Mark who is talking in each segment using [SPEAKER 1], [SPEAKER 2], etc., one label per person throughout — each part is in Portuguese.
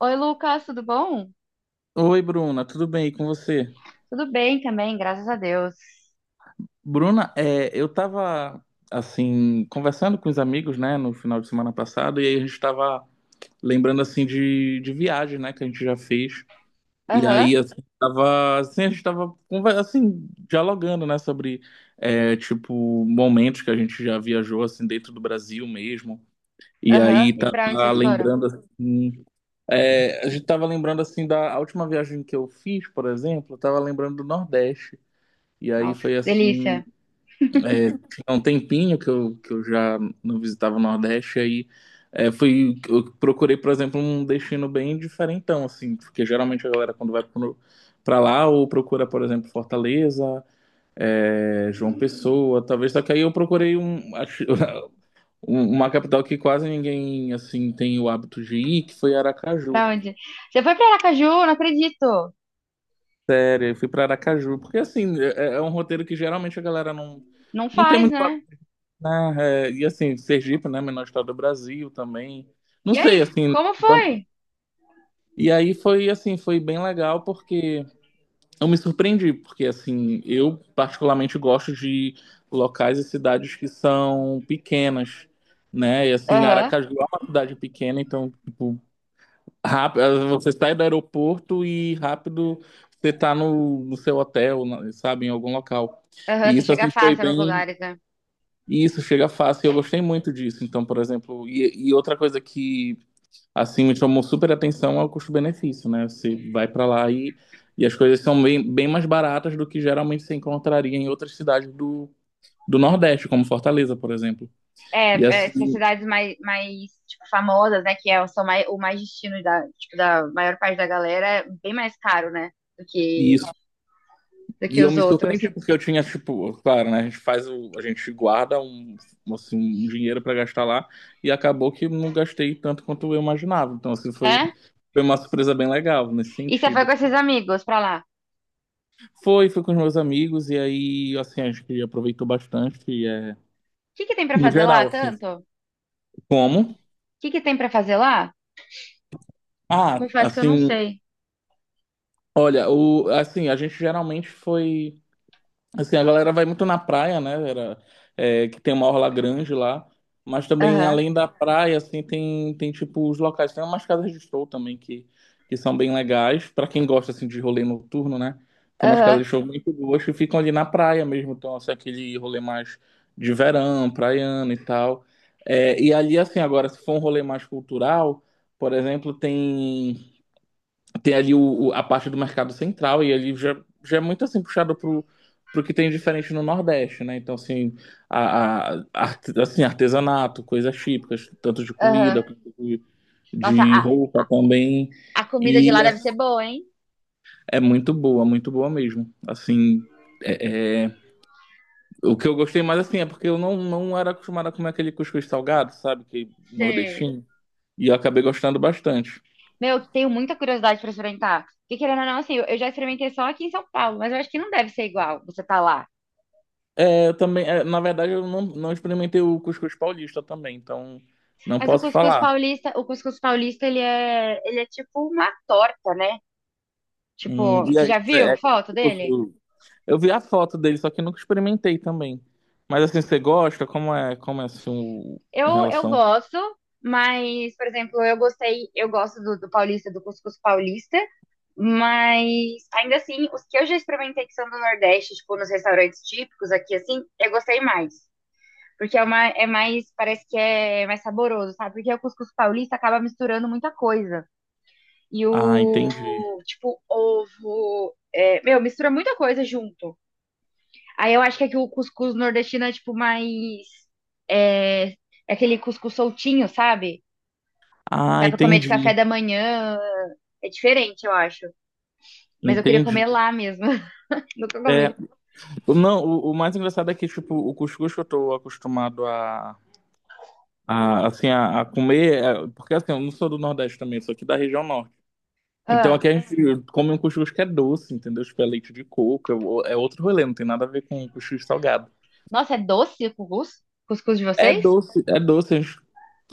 [SPEAKER 1] Oi, Lucas, tudo bom?
[SPEAKER 2] Oi, Bruna, tudo bem e com você?
[SPEAKER 1] Tudo bem também, graças a Deus.
[SPEAKER 2] Bruna, eu tava assim conversando com os amigos, né, no final de semana passado, e aí a gente tava lembrando assim de viagem, né, que a gente já fez. E
[SPEAKER 1] Aham,
[SPEAKER 2] aí assim, tava assim, a gente tava assim dialogando, né, sobre tipo momentos que a gente já viajou assim dentro do Brasil mesmo. E
[SPEAKER 1] aham.
[SPEAKER 2] aí
[SPEAKER 1] E pra onde
[SPEAKER 2] tava
[SPEAKER 1] vocês foram?
[SPEAKER 2] lembrando assim, a gente tava lembrando assim da a última viagem que eu fiz, por exemplo, eu tava lembrando do Nordeste. E aí
[SPEAKER 1] Nossa,
[SPEAKER 2] foi
[SPEAKER 1] que
[SPEAKER 2] assim,
[SPEAKER 1] delícia.
[SPEAKER 2] tinha um tempinho que eu já não visitava o Nordeste, aí eu procurei, por exemplo, um destino bem diferentão, assim, porque geralmente a galera quando vai pra lá, ou procura, por exemplo, Fortaleza, João Pessoa, talvez, só que aí eu procurei uma capital que quase ninguém, assim, tem o hábito de ir, que foi Aracaju.
[SPEAKER 1] Pra onde? Você foi pra Aracaju? Não acredito.
[SPEAKER 2] Sério, eu fui pra Aracaju, porque assim, é um roteiro que geralmente a galera não,
[SPEAKER 1] Não
[SPEAKER 2] não tem
[SPEAKER 1] faz,
[SPEAKER 2] muito,
[SPEAKER 1] né?
[SPEAKER 2] né? É, e assim, Sergipe, né? Menor estado do Brasil também. Não
[SPEAKER 1] E aí,
[SPEAKER 2] sei, assim.
[SPEAKER 1] como foi?
[SPEAKER 2] E aí foi assim, foi bem legal porque eu me surpreendi, porque assim, eu particularmente gosto de locais e cidades que são pequenas, né? E assim,
[SPEAKER 1] Aham,
[SPEAKER 2] Aracaju é uma cidade pequena, então, tipo, rápido, você sai do aeroporto e rápido você tá no seu hotel, sabe, em algum local.
[SPEAKER 1] aham.
[SPEAKER 2] E
[SPEAKER 1] Você
[SPEAKER 2] isso
[SPEAKER 1] chega
[SPEAKER 2] assim foi
[SPEAKER 1] fácil nos
[SPEAKER 2] bem
[SPEAKER 1] lugares, né?
[SPEAKER 2] E isso chega fácil, e eu gostei muito disso. Então, por exemplo, e outra coisa que assim me chamou super atenção é o custo-benefício, né? Você vai para lá e as coisas são bem, bem mais baratas do que geralmente você encontraria em outras cidades do Nordeste, como Fortaleza, por exemplo.
[SPEAKER 1] É,
[SPEAKER 2] E
[SPEAKER 1] é, essas
[SPEAKER 2] assim,
[SPEAKER 1] cidades mais, mais tipo, famosas, né? Que é, são mais, o mais destino da, tipo, da maior parte da galera, é bem mais caro, né? Do
[SPEAKER 2] e isso,
[SPEAKER 1] que, do que
[SPEAKER 2] e eu
[SPEAKER 1] os
[SPEAKER 2] me
[SPEAKER 1] outros.
[SPEAKER 2] surpreendi porque eu tinha tipo, claro, né, a gente guarda assim, um dinheiro para gastar lá e acabou que não gastei tanto quanto eu imaginava. Então, assim, foi
[SPEAKER 1] É?
[SPEAKER 2] foi uma surpresa bem legal nesse
[SPEAKER 1] E você foi com
[SPEAKER 2] sentido.
[SPEAKER 1] esses amigos pra lá? O
[SPEAKER 2] Foi com os meus amigos, e aí, assim, acho que aproveitou bastante, e
[SPEAKER 1] que que tem pra
[SPEAKER 2] no
[SPEAKER 1] fazer lá,
[SPEAKER 2] geral, assim,
[SPEAKER 1] tanto?
[SPEAKER 2] como?
[SPEAKER 1] O que que tem pra fazer lá?
[SPEAKER 2] Ah,
[SPEAKER 1] Confesso que eu não
[SPEAKER 2] assim,
[SPEAKER 1] sei.
[SPEAKER 2] olha, a gente geralmente foi assim, a galera vai muito na praia, né? Que tem uma orla grande lá. Mas também,
[SPEAKER 1] Aham,
[SPEAKER 2] além da praia, assim, tem tipo os locais. Tem umas casas de show também que são bem legais. Pra quem gosta, assim, de rolê noturno, né? Tem umas casas
[SPEAKER 1] aham,
[SPEAKER 2] de show muito boas que ficam ali na praia mesmo. Então, assim, aquele rolê mais de verão, praiano e tal. É, e ali, assim, agora, se for um rolê mais cultural, por exemplo, tem. Tem ali a parte do mercado central e ali já é muito assim puxado pro que tem diferente no Nordeste, né? Então, assim, assim, artesanato, coisas típicas, tanto de comida
[SPEAKER 1] aham.
[SPEAKER 2] quanto de,
[SPEAKER 1] Nossa,
[SPEAKER 2] de roupa também.
[SPEAKER 1] a comida de
[SPEAKER 2] E
[SPEAKER 1] lá deve
[SPEAKER 2] as-
[SPEAKER 1] ser boa, hein?
[SPEAKER 2] é muito boa mesmo. Assim, é, é- o que eu gostei mais assim é porque eu não era acostumado a comer aquele cuscuz salgado, sabe? Que é
[SPEAKER 1] Sei.
[SPEAKER 2] nordestino. E eu acabei gostando bastante.
[SPEAKER 1] Meu, eu tenho muita curiosidade pra experimentar. Porque querendo ou não, assim, eu já experimentei só aqui em São Paulo, mas eu acho que não deve ser igual você tá lá.
[SPEAKER 2] É, eu também, na verdade, eu não experimentei o cuscuz paulista também, então não
[SPEAKER 1] Mas o
[SPEAKER 2] posso
[SPEAKER 1] cuscuz
[SPEAKER 2] falar.
[SPEAKER 1] paulista, o cuscuz paulista, ele é tipo uma torta, né? Tipo,
[SPEAKER 2] E
[SPEAKER 1] você
[SPEAKER 2] aí,
[SPEAKER 1] já viu
[SPEAKER 2] é
[SPEAKER 1] foto dele?
[SPEAKER 2] gostoso. Eu vi a foto dele, só que nunca experimentei também. Mas assim, você gosta? Como é assim, em
[SPEAKER 1] Eu
[SPEAKER 2] relação?
[SPEAKER 1] gosto, mas, por exemplo, eu gostei, eu gosto do, do paulista, do cuscuz paulista, mas ainda assim, os que eu já experimentei que são do Nordeste, tipo, nos restaurantes típicos aqui, assim, eu gostei mais. Porque é, uma, é mais, parece que é mais saboroso, sabe? Porque o cuscuz paulista acaba misturando muita coisa. E
[SPEAKER 2] Ah,
[SPEAKER 1] o,
[SPEAKER 2] entendi.
[SPEAKER 1] tipo, ovo, é, meu, mistura muita coisa junto. Aí eu acho que aqui o cuscuz nordestino é, tipo, mais, é, é aquele cuscuz soltinho, sabe?
[SPEAKER 2] Ah,
[SPEAKER 1] Dá pra comer de café
[SPEAKER 2] entendi.
[SPEAKER 1] da manhã. É diferente, eu acho. Mas eu queria comer
[SPEAKER 2] Entendi.
[SPEAKER 1] lá mesmo. Nunca
[SPEAKER 2] É,
[SPEAKER 1] comi.
[SPEAKER 2] não, o mais engraçado é que, tipo, o cuscuz que eu tô acostumado a comer, porque assim, eu não sou do Nordeste também, sou aqui da região Norte. Então
[SPEAKER 1] Ah.
[SPEAKER 2] aqui a gente come um cuscuz que é doce, entendeu? Tipo, é leite de coco, é outro rolê, não tem nada a ver com cuscuz salgado.
[SPEAKER 1] Nossa, é doce o cuscuz? Cuscuz de vocês?
[SPEAKER 2] É doce, a gente,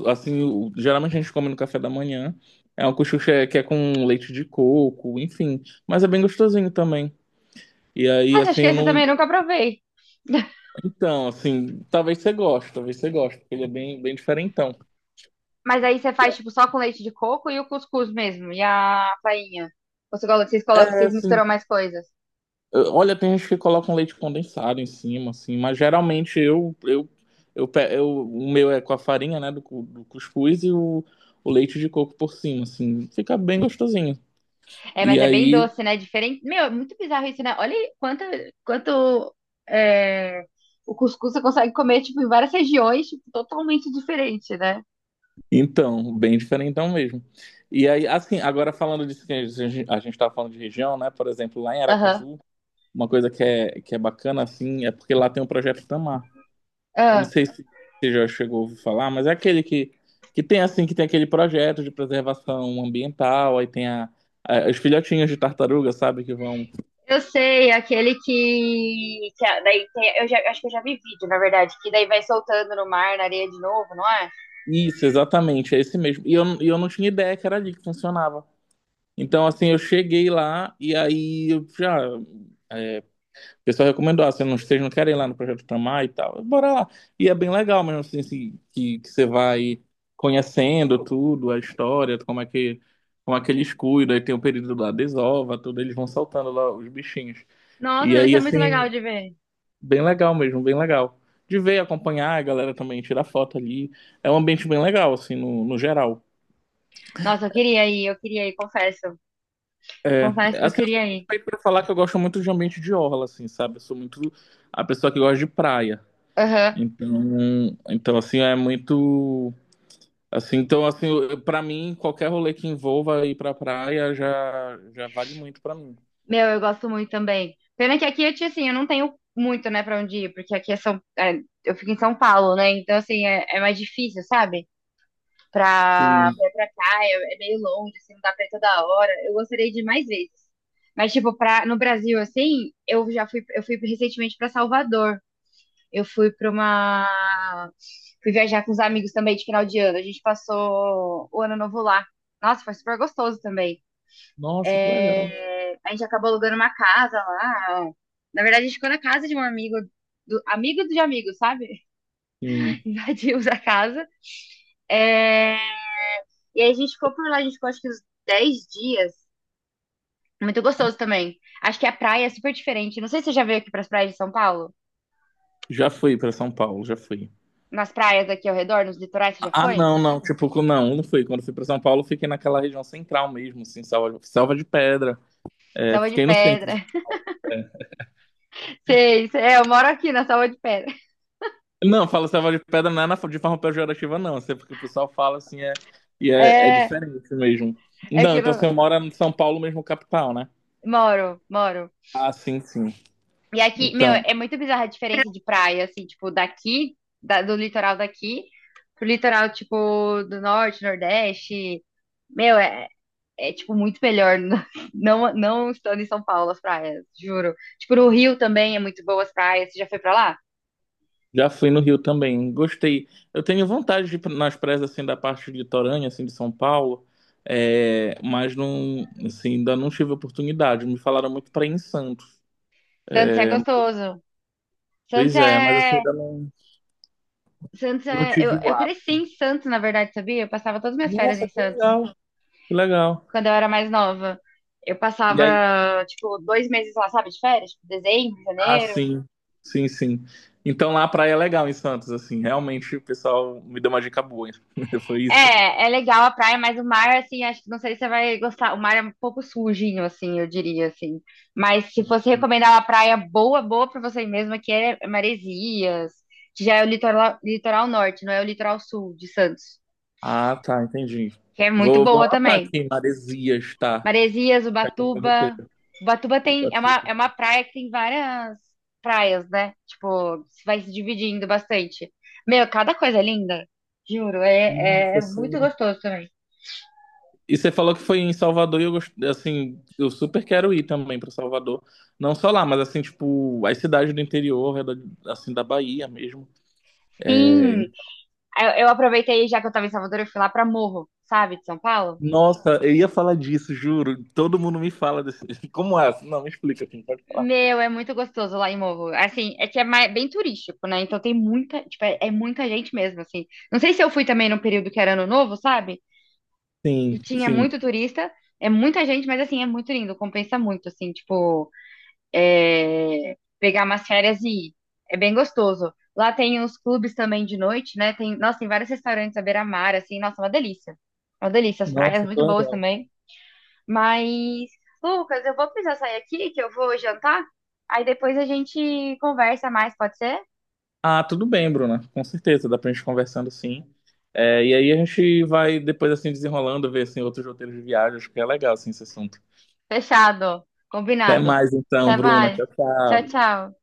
[SPEAKER 2] assim, geralmente a gente come no café da manhã. É um cuscuz que é com leite de coco, enfim, mas é bem gostosinho também. E aí,
[SPEAKER 1] Nossa, acho
[SPEAKER 2] assim,
[SPEAKER 1] que
[SPEAKER 2] eu
[SPEAKER 1] esse eu também
[SPEAKER 2] não.
[SPEAKER 1] nunca provei.
[SPEAKER 2] Então, assim, talvez você goste, porque ele é bem, bem diferentão.
[SPEAKER 1] Mas aí você faz, tipo, só com leite de coco e o cuscuz mesmo. E a farinha Você colo-
[SPEAKER 2] É,
[SPEAKER 1] vocês
[SPEAKER 2] assim,
[SPEAKER 1] misturam mais coisas.
[SPEAKER 2] Olha, tem gente que coloca um leite condensado em cima, assim, mas geralmente o meu é com a farinha, né, do cuscuz e o leite de coco por cima, assim, fica bem gostosinho.
[SPEAKER 1] É,
[SPEAKER 2] E
[SPEAKER 1] mas é bem
[SPEAKER 2] aí,
[SPEAKER 1] doce, né? Diferente. Meu, é muito bizarro isso, né? Olha aí quanto, quanto é, o cuscuz você consegue comer, tipo, em várias regiões, tipo, totalmente diferente, né?
[SPEAKER 2] então, bem diferentão mesmo. E aí, assim, agora falando disso que a gente tá falando de região, né, por exemplo, lá em
[SPEAKER 1] Aham.
[SPEAKER 2] Aracaju, uma coisa que é bacana, assim, é porque lá tem o Projeto Tamar. Eu não
[SPEAKER 1] Ah.
[SPEAKER 2] sei se você já chegou a ouvir falar, mas é aquele que, que tem aquele projeto de preservação ambiental, aí tem as filhotinhas de tartaruga, sabe, que vão.
[SPEAKER 1] Eu sei, aquele que a- daí tem, eu já, acho que eu já vi vídeo, na verdade, que daí vai soltando no mar, na areia de novo, não é?
[SPEAKER 2] Isso, exatamente, é esse mesmo. E eu não tinha ideia que era ali que funcionava. Então, assim, eu cheguei lá e aí eu já é, o pessoal recomendou, ah, se não, vocês não querem ir lá no Projeto Tamar e tal, bora lá. E é bem legal mesmo, assim, que você vai conhecendo tudo, a história, como é que eles cuidam, aí tem o período da desova, tudo, eles vão soltando lá os bichinhos.
[SPEAKER 1] Nossa,
[SPEAKER 2] E
[SPEAKER 1] deve
[SPEAKER 2] aí,
[SPEAKER 1] ser muito legal
[SPEAKER 2] assim,
[SPEAKER 1] de ver.
[SPEAKER 2] bem legal mesmo, bem legal. De ver, acompanhar, a galera também tirar foto ali. É um ambiente bem legal, assim, no geral.
[SPEAKER 1] Nossa, eu queria ir, confesso.
[SPEAKER 2] É,
[SPEAKER 1] Confesso que eu
[SPEAKER 2] assim, eu sou
[SPEAKER 1] queria ir.
[SPEAKER 2] suspeito pra falar que eu gosto muito de ambiente de orla, assim, sabe? Eu sou muito a pessoa que gosta de praia.
[SPEAKER 1] Aham.
[SPEAKER 2] Então, então assim, é muito então assim, para mim, qualquer rolê que envolva ir pra praia já já vale muito pra mim.
[SPEAKER 1] Meu, eu gosto muito também. Pena que aqui, eu, tinha, assim, eu não tenho muito, né, pra onde ir, porque aqui é São, é, eu fico em São Paulo, né? Então, assim, é, é mais difícil, sabe?
[SPEAKER 2] Sim.
[SPEAKER 1] Ir pra cá, é, é meio longe, assim, não dá pra ir toda hora. Eu gostaria de ir mais vezes. Mas, tipo, pra, no Brasil, assim, eu já fui, eu fui recentemente pra Salvador. Eu fui pra uma. Fui viajar com os amigos também de final de ano. A gente passou o ano novo lá. Nossa, foi super gostoso também.
[SPEAKER 2] Nossa, que legal.
[SPEAKER 1] É, a gente acabou alugando uma casa lá. Na verdade, a gente ficou na casa de um amigo, do, amigo de amigo, sabe?
[SPEAKER 2] Sim.
[SPEAKER 1] Invadimos a casa. É, e aí a gente ficou por lá, a gente ficou acho que uns 10 dias. Muito gostoso também. Acho que a praia é super diferente. Não sei se você já veio aqui pras praias de São Paulo.
[SPEAKER 2] Já fui pra São Paulo, já fui.
[SPEAKER 1] Nas praias aqui ao redor, nos litorais, você já
[SPEAKER 2] Ah,
[SPEAKER 1] foi?
[SPEAKER 2] não, não, tipo, não, não fui. Quando fui pra São Paulo, fiquei naquela região central mesmo, assim, Selva, Selva de Pedra. É,
[SPEAKER 1] Salva de
[SPEAKER 2] fiquei no centro.
[SPEAKER 1] Pedra.
[SPEAKER 2] É.
[SPEAKER 1] Sei, sei. É, eu moro aqui na Salva de Pedra.
[SPEAKER 2] Não, falo Selva de Pedra não é de forma pejorativa, não. Assim, é porque o pessoal fala assim, e é
[SPEAKER 1] É,
[SPEAKER 2] diferente mesmo.
[SPEAKER 1] é que
[SPEAKER 2] Não,
[SPEAKER 1] eu
[SPEAKER 2] então você mora em São Paulo mesmo, capital, né?
[SPEAKER 1] moro, moro.
[SPEAKER 2] Ah, sim, sim.
[SPEAKER 1] E aqui, meu,
[SPEAKER 2] Então,
[SPEAKER 1] é muito bizarra a diferença de praia, assim, tipo, daqui, da- do litoral daqui, pro litoral, tipo, do norte, nordeste. Meu, é, é, tipo, muito melhor não, não estando em São Paulo as praias, juro. Tipo, no Rio também é muito boas praias. Você já foi pra lá?
[SPEAKER 2] já fui no Rio também. Gostei. Eu tenho vontade de ir nas praias assim da parte litorânea, assim de São Paulo, mas não, assim, ainda não tive oportunidade. Me falaram muito para ir em Santos.
[SPEAKER 1] Santos é
[SPEAKER 2] É,
[SPEAKER 1] gostoso. Santos
[SPEAKER 2] pois é, mas assim
[SPEAKER 1] é.
[SPEAKER 2] ainda não,
[SPEAKER 1] Santos
[SPEAKER 2] não
[SPEAKER 1] é. Eu,
[SPEAKER 2] tive o
[SPEAKER 1] eu
[SPEAKER 2] hábito.
[SPEAKER 1] cresci em Santos, na verdade, sabia? Eu passava todas as minhas férias
[SPEAKER 2] Nossa,
[SPEAKER 1] em
[SPEAKER 2] que
[SPEAKER 1] Santos,
[SPEAKER 2] legal, que legal.
[SPEAKER 1] quando eu era mais nova. Eu
[SPEAKER 2] E
[SPEAKER 1] passava,
[SPEAKER 2] aí,
[SPEAKER 1] tipo, 2 meses lá, sabe, de férias? Tipo, dezembro,
[SPEAKER 2] ah,
[SPEAKER 1] janeiro.
[SPEAKER 2] sim, sim, sim. Então lá a praia é legal em Santos, assim, realmente o pessoal me deu uma dica boa. Foi isso.
[SPEAKER 1] É, é legal a praia, mas o mar, assim, acho que não sei se você vai gostar. O mar é um pouco sujinho, assim, eu diria, assim. Mas se fosse recomendar uma praia boa, boa pra você mesmo, que é Maresias, que já é o litoral, litoral norte, não é o litoral sul de Santos,
[SPEAKER 2] Ah, tá, entendi.
[SPEAKER 1] que é muito
[SPEAKER 2] Vou
[SPEAKER 1] boa
[SPEAKER 2] anotar
[SPEAKER 1] também.
[SPEAKER 2] aqui, Maresias, tá?
[SPEAKER 1] Maresias,
[SPEAKER 2] No meu
[SPEAKER 1] Ubatuba.
[SPEAKER 2] roteiro,
[SPEAKER 1] Ubatuba tem,
[SPEAKER 2] tá
[SPEAKER 1] é
[SPEAKER 2] tudo.
[SPEAKER 1] uma praia que tem várias praias, né? Tipo, vai se dividindo bastante. Meu, cada coisa é linda, juro, é, é
[SPEAKER 2] Nossa,
[SPEAKER 1] muito
[SPEAKER 2] sério.
[SPEAKER 1] gostoso também.
[SPEAKER 2] E você falou que foi em Salvador e assim, eu super quero ir também pra Salvador. Não só lá, mas assim, tipo, as cidades do interior, assim, da Bahia mesmo. É,
[SPEAKER 1] Sim,
[SPEAKER 2] em-
[SPEAKER 1] eu aproveitei, já que eu tava em Salvador, eu fui lá pra Morro, sabe, de São Paulo.
[SPEAKER 2] Nossa, eu ia falar disso, juro. Todo mundo me fala desse. Como é? Não, me explica, não pode falar.
[SPEAKER 1] Meu, é muito gostoso lá em Morro. Assim, é que é mais- bem turístico, né? Então tem muita, tipo, é, é muita gente mesmo, assim. Não sei se eu fui também num período que era ano novo, sabe?
[SPEAKER 2] Sim,
[SPEAKER 1] E tinha
[SPEAKER 2] sim.
[SPEAKER 1] muito turista, é muita gente, mas assim, é muito lindo, compensa muito, assim, tipo, é, pegar umas férias e ir. É bem gostoso. Lá tem os clubes também de noite, né? Tem, nossa, tem vários restaurantes à beira-mar, assim, nossa, uma delícia. Uma delícia, as praias
[SPEAKER 2] Nossa, que
[SPEAKER 1] muito boas
[SPEAKER 2] legal.
[SPEAKER 1] também. Mas, Lucas, eu vou precisar sair aqui, que eu vou jantar. Aí depois a gente conversa mais, pode ser?
[SPEAKER 2] Ah, tudo bem, Bruna. Com certeza, dá pra gente conversando sim. É, e aí a gente vai depois assim desenrolando, ver assim, outros roteiros de viagem. Acho que é legal assim, esse assunto.
[SPEAKER 1] Fechado,
[SPEAKER 2] Até
[SPEAKER 1] combinado.
[SPEAKER 2] mais então,
[SPEAKER 1] Até
[SPEAKER 2] Bruna.
[SPEAKER 1] mais.
[SPEAKER 2] Tchau,
[SPEAKER 1] Tchau,
[SPEAKER 2] tchau.
[SPEAKER 1] tchau.